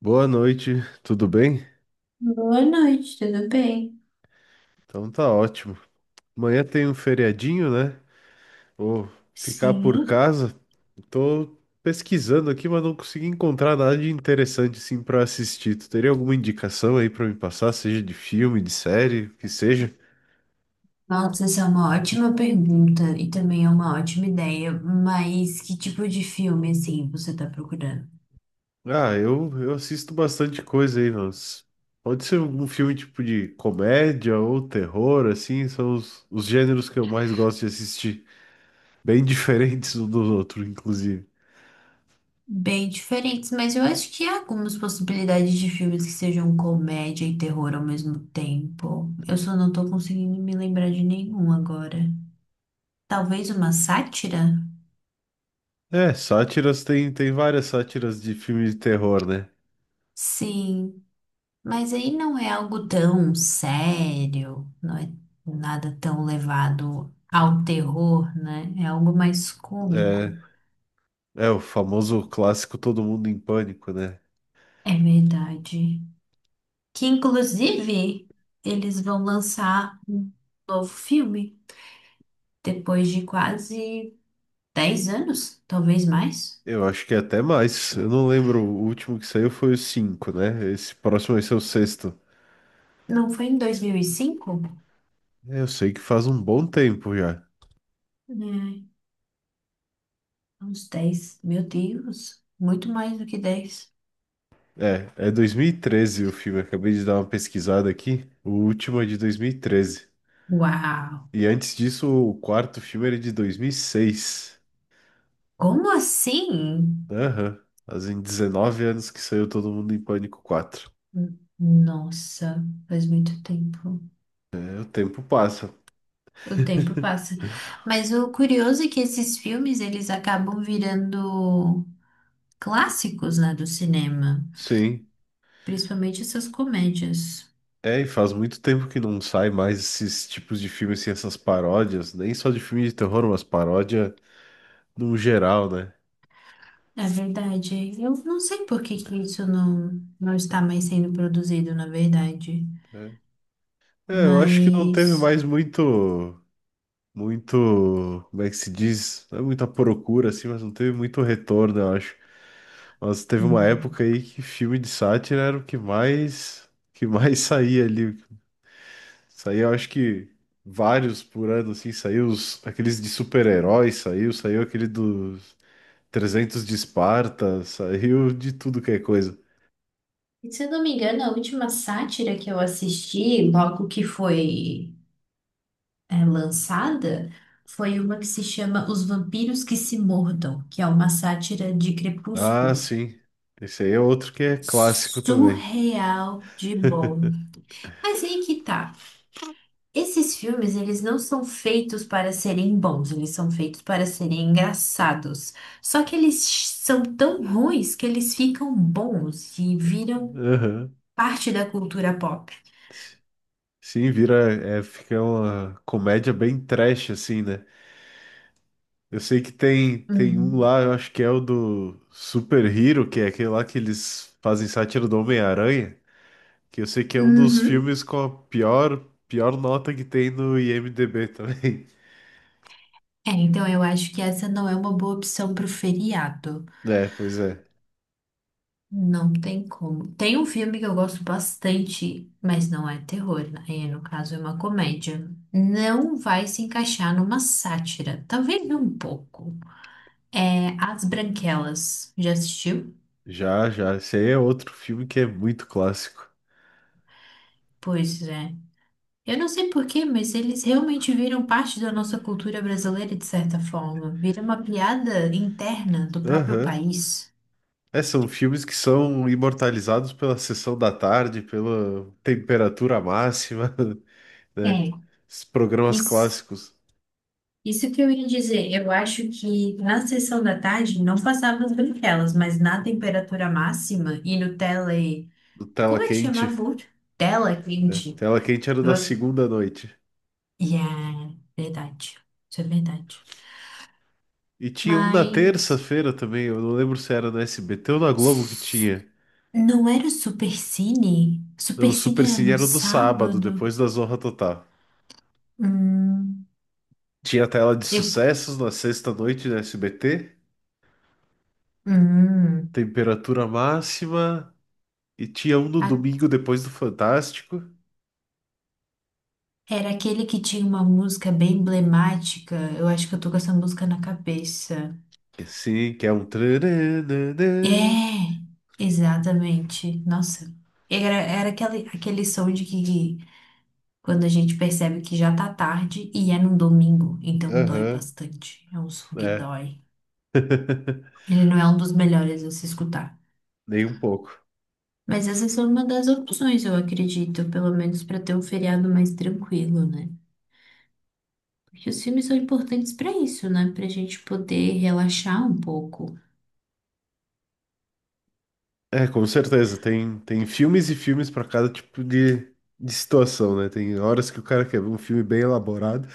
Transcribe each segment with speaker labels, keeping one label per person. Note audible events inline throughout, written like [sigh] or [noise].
Speaker 1: Boa noite, tudo bem?
Speaker 2: Boa noite, tudo bem?
Speaker 1: Então tá ótimo. Amanhã tem um feriadinho, né? Vou ficar por
Speaker 2: Sim.
Speaker 1: casa. Tô pesquisando aqui, mas não consegui encontrar nada de interessante assim para assistir. Tu teria alguma indicação aí para me passar, seja de filme, de série, o que seja?
Speaker 2: Nossa, essa é uma ótima pergunta e também é uma ótima ideia, mas que tipo de filme, assim, você tá procurando?
Speaker 1: Ah, eu assisto bastante coisa aí, mas pode ser algum filme tipo de comédia ou terror, assim, são os gêneros que eu mais gosto de assistir. Bem [laughs] diferentes um dos outros, inclusive.
Speaker 2: Bem diferentes, mas eu acho que há algumas possibilidades de filmes que sejam comédia e terror ao mesmo tempo. Eu só não tô conseguindo me lembrar de nenhum agora. Talvez uma sátira?
Speaker 1: É, sátiras tem várias sátiras de filme de terror, né?
Speaker 2: Sim. Mas aí não é algo tão sério, não é nada tão levado ao terror, né? É algo mais cômico.
Speaker 1: É, é o famoso clássico Todo Mundo em Pânico, né?
Speaker 2: É verdade. Que inclusive eles vão lançar um novo filme depois de quase 10 anos, talvez mais.
Speaker 1: Eu acho que é até mais. Eu não lembro, o último que saiu foi o 5, né? Esse próximo vai ser o sexto.
Speaker 2: Não foi em 2005?
Speaker 1: É, eu sei que faz um bom tempo já.
Speaker 2: É, uns 10, Meu Deus, muito mais do que 10.
Speaker 1: É 2013 o filme, acabei de dar uma pesquisada aqui. O último é de 2013.
Speaker 2: Uau!
Speaker 1: E antes disso, o quarto filme era de 2006.
Speaker 2: Como assim?
Speaker 1: Aham. Fazem 19 anos que saiu Todo Mundo em Pânico 4.
Speaker 2: Nossa, faz muito tempo.
Speaker 1: É, o tempo passa.
Speaker 2: O tempo passa. Mas o curioso é que esses filmes eles acabam virando clássicos, né, do cinema,
Speaker 1: Sim.
Speaker 2: principalmente essas comédias.
Speaker 1: É, e faz muito tempo que não sai mais esses tipos de filmes, assim, essas paródias, nem só de filme de terror, mas paródia no geral, né?
Speaker 2: É verdade. Eu não sei por que que isso não está mais sendo produzido, na verdade.
Speaker 1: É, É, eu acho que não teve
Speaker 2: Mas,
Speaker 1: mais muito, muito, como é que se diz? Não é muita procura, assim, mas não teve muito retorno, eu acho. Mas teve uma
Speaker 2: hum.
Speaker 1: época aí que filme de sátira era o que mais [laughs] saía ali. Saía, eu acho que vários por ano, assim, saiu os, aqueles de super-heróis, saiu aquele dos 300 de Esparta, saiu de tudo que é coisa.
Speaker 2: E se eu não me engano, a última sátira que eu assisti, logo que foi lançada, foi uma que se chama Os Vampiros que se Mordam, que é uma sátira de
Speaker 1: Ah,
Speaker 2: Crepúsculo.
Speaker 1: sim. Esse aí é outro que é clássico também.
Speaker 2: Surreal de bom. Mas aí que tá. Esses filmes, eles não são feitos para serem bons, eles são feitos para serem engraçados. Só que eles são tão ruins que eles ficam bons e viram
Speaker 1: Aham.
Speaker 2: parte da cultura pop.
Speaker 1: Sim, vira, é, fica uma comédia bem trash, assim, né? Eu sei que tem um
Speaker 2: Uhum.
Speaker 1: lá, eu acho que é o do Super Hero, que é aquele lá que eles fazem sátira do Homem-Aranha, que eu sei que é um dos
Speaker 2: Uhum.
Speaker 1: filmes com a pior, pior nota que tem no IMDb também. [laughs]
Speaker 2: É, então eu acho que essa não é uma boa opção pro feriado.
Speaker 1: É, pois é.
Speaker 2: Não tem como. Tem um filme que eu gosto bastante, mas não é terror, né? E, no caso, é uma comédia. Não vai se encaixar numa sátira, talvez um pouco. É As Branquelas. Já assistiu?
Speaker 1: Já, já. Esse aí é outro filme que é muito clássico.
Speaker 2: Pois é. Eu não sei por quê, mas eles realmente viram parte da nossa cultura brasileira de certa forma. Vira uma piada interna do próprio
Speaker 1: Aham.
Speaker 2: país.
Speaker 1: É, são filmes que são imortalizados pela sessão da tarde, pela temperatura máxima, [laughs] né?
Speaker 2: É,
Speaker 1: Esses programas
Speaker 2: isso.
Speaker 1: clássicos
Speaker 2: Isso que eu ia dizer, eu acho que na sessão da tarde não passava as branquelas, mas na temperatura máxima e no tele.
Speaker 1: do Tela
Speaker 2: Como é que
Speaker 1: Quente,
Speaker 2: chamava o outro? Tela
Speaker 1: né?
Speaker 2: quente.
Speaker 1: Tela Quente era da
Speaker 2: Eu...
Speaker 1: segunda à noite.
Speaker 2: Yeah, verdade. Isso é verdade.
Speaker 1: E tinha um na
Speaker 2: Mas.
Speaker 1: terça-feira também, eu não lembro se era na SBT ou na Globo que tinha.
Speaker 2: Não era o Supercine?
Speaker 1: Não, o Super
Speaker 2: Supercine era
Speaker 1: Cine
Speaker 2: no
Speaker 1: era do sábado,
Speaker 2: sábado?
Speaker 1: depois da Zorra Total.
Speaker 2: Hum,
Speaker 1: Tinha a tela de
Speaker 2: eu,
Speaker 1: sucessos na sexta-noite na SBT,
Speaker 2: hum,
Speaker 1: temperatura máxima, e tinha um no
Speaker 2: a-
Speaker 1: domingo depois do Fantástico.
Speaker 2: era aquele que tinha uma música bem emblemática. Eu acho que eu tô com essa música na cabeça.
Speaker 1: Que sim, que é um trarararã.
Speaker 2: É, exatamente. Nossa, era aquele som de que quando a gente percebe que já tá tarde e é num domingo, então dói
Speaker 1: Aham,
Speaker 2: bastante. É um som que
Speaker 1: é.
Speaker 2: dói.
Speaker 1: [laughs]
Speaker 2: Ele não é um dos melhores a se escutar.
Speaker 1: Nem um pouco.
Speaker 2: Mas essa são uma das opções, eu acredito, pelo menos para ter um feriado mais tranquilo, né? Porque os filmes são importantes para isso, né? Pra gente poder relaxar um pouco.
Speaker 1: É, com certeza. Tem filmes e filmes para cada tipo de situação, né? Tem horas que o cara quer ver um filme bem elaborado,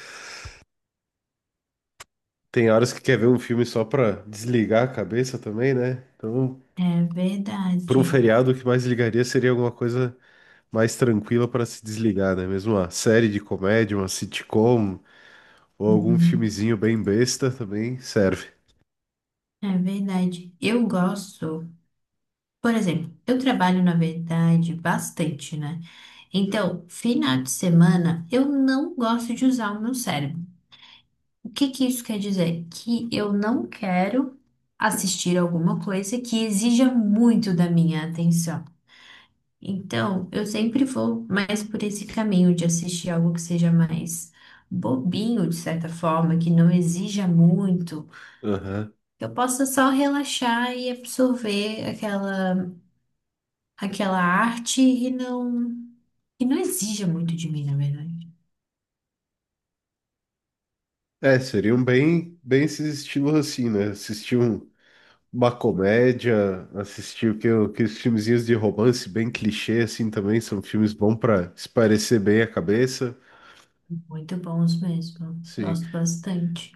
Speaker 1: tem horas que quer ver um filme só pra desligar a cabeça também, né? Então,
Speaker 2: É
Speaker 1: por um
Speaker 2: verdade.
Speaker 1: feriado, o que mais ligaria seria alguma coisa mais tranquila para se desligar, né? Mesmo uma série de comédia, uma sitcom ou algum
Speaker 2: Uhum.
Speaker 1: filmezinho bem besta também serve.
Speaker 2: É verdade. Eu gosto. Por exemplo, eu trabalho, na verdade, bastante, né? Então, final de semana, eu não gosto de usar o meu cérebro. O que que isso quer dizer? Que eu não quero assistir alguma coisa que exija muito da minha atenção. Então, eu sempre vou mais por esse caminho de assistir algo que seja mais bobinho, de certa forma, que não exija muito,
Speaker 1: Aham.
Speaker 2: que eu possa só relaxar e absorver aquela arte e não que não exija muito de mim, na verdade.
Speaker 1: É, seriam bem, bem esses estilos assim, né? Assistir uma comédia, assistir o que, os filmezinhos de romance bem clichê assim também são filmes bons para esparecer bem a cabeça,
Speaker 2: Muito bons mesmo.
Speaker 1: sim.
Speaker 2: Gosto bastante.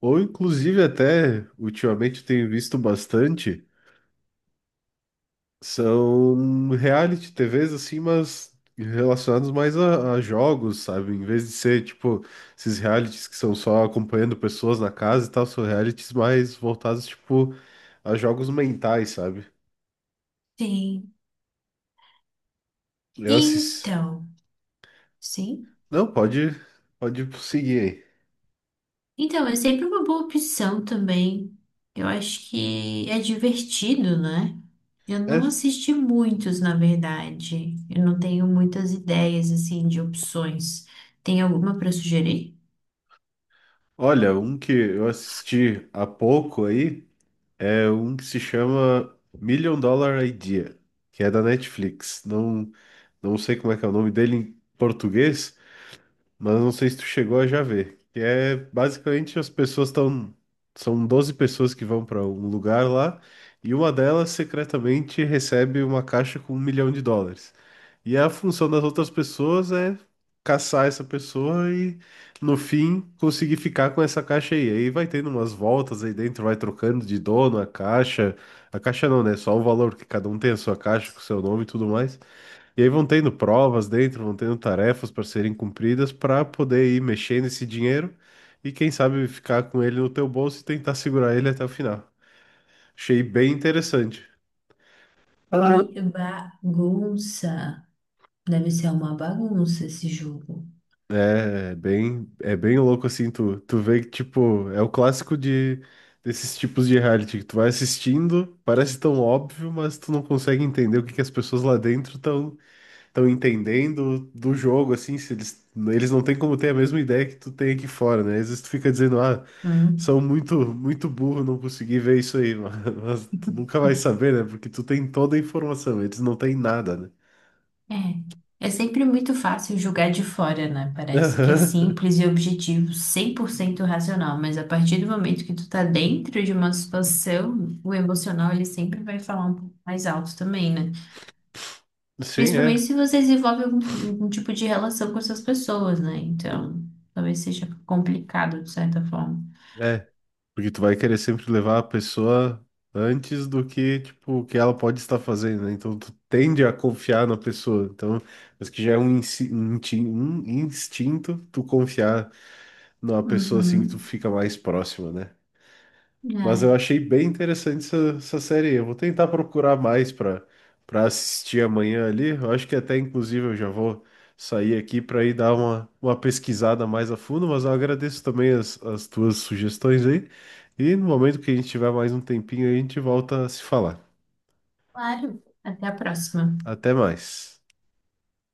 Speaker 1: Ou inclusive até ultimamente eu tenho visto bastante. São reality TVs assim, mas relacionados mais a jogos, sabe? Em vez de ser tipo esses realities que são só acompanhando pessoas na casa e tal, são realities mais voltados tipo a jogos mentais, sabe?
Speaker 2: Sim.
Speaker 1: Eu assisti.
Speaker 2: Então, sim.
Speaker 1: Não, pode seguir
Speaker 2: Então, é sempre uma boa opção também. Eu acho que é divertido, né? Eu
Speaker 1: aí.
Speaker 2: não
Speaker 1: É.
Speaker 2: assisti muitos, na verdade. Eu não tenho muitas ideias, assim, de opções. Tem alguma para sugerir?
Speaker 1: Olha, um que eu assisti há pouco aí é um que se chama Million Dollar Idea, que é da Netflix. Não, não sei como é que é o nome dele em português. Mas não sei se tu chegou a já ver. Que é basicamente as pessoas estão. São 12 pessoas que vão para um lugar lá e uma delas secretamente recebe uma caixa com 1 milhão de dólares. E a função das outras pessoas é caçar essa pessoa e, no fim, conseguir ficar com essa caixa aí. Aí vai tendo umas voltas aí dentro, vai trocando de dono a caixa. A caixa não, né? Só o valor, que cada um tem a sua caixa com o seu nome e tudo mais. E aí vão tendo provas dentro, vão tendo tarefas para serem cumpridas para poder ir mexendo esse dinheiro e quem sabe ficar com ele no teu bolso e tentar segurar ele até o final. Achei bem interessante.
Speaker 2: E bagunça. Deve ser uma bagunça esse jogo.
Speaker 1: É bem louco assim, tu vê que tipo, é o clássico de desses tipos de reality que tu vai assistindo, parece tão óbvio, mas tu não consegue entender o que que as pessoas lá dentro estão entendendo do jogo, assim, se eles não têm como ter a mesma ideia que tu tem aqui fora, né? Às vezes tu fica dizendo, ah, são muito, muito burro, não consegui ver isso aí, [laughs] mas, tu nunca vai saber, né? Porque tu tem toda a informação, eles não têm nada, né?
Speaker 2: É. É sempre muito fácil julgar de fora, né? Parece que é
Speaker 1: Aham.
Speaker 2: simples e objetivo, 100% racional, mas a partir do momento que tu tá dentro de uma situação, o emocional ele sempre vai falar um pouco mais alto também, né?
Speaker 1: Sim,
Speaker 2: Principalmente
Speaker 1: é,
Speaker 2: se você desenvolve algum tipo de relação com essas pessoas, né? Então, talvez seja complicado de certa forma.
Speaker 1: é, porque tu vai querer sempre levar a pessoa antes do que, tipo, o que ela pode estar fazendo, né? Então tu tende a confiar na pessoa, então, mas que já é um instinto tu confiar numa pessoa assim que tu
Speaker 2: Uhum.
Speaker 1: fica mais próxima, né? Mas eu
Speaker 2: É,
Speaker 1: achei bem interessante essa série aí. Eu vou tentar procurar mais para assistir amanhã ali. Eu acho que até inclusive eu já vou sair aqui para ir dar uma pesquisada mais a fundo, mas eu agradeço também as tuas sugestões aí. E no momento que a gente tiver mais um tempinho, aí, a gente volta a se falar.
Speaker 2: claro. Até a próxima.
Speaker 1: Até mais.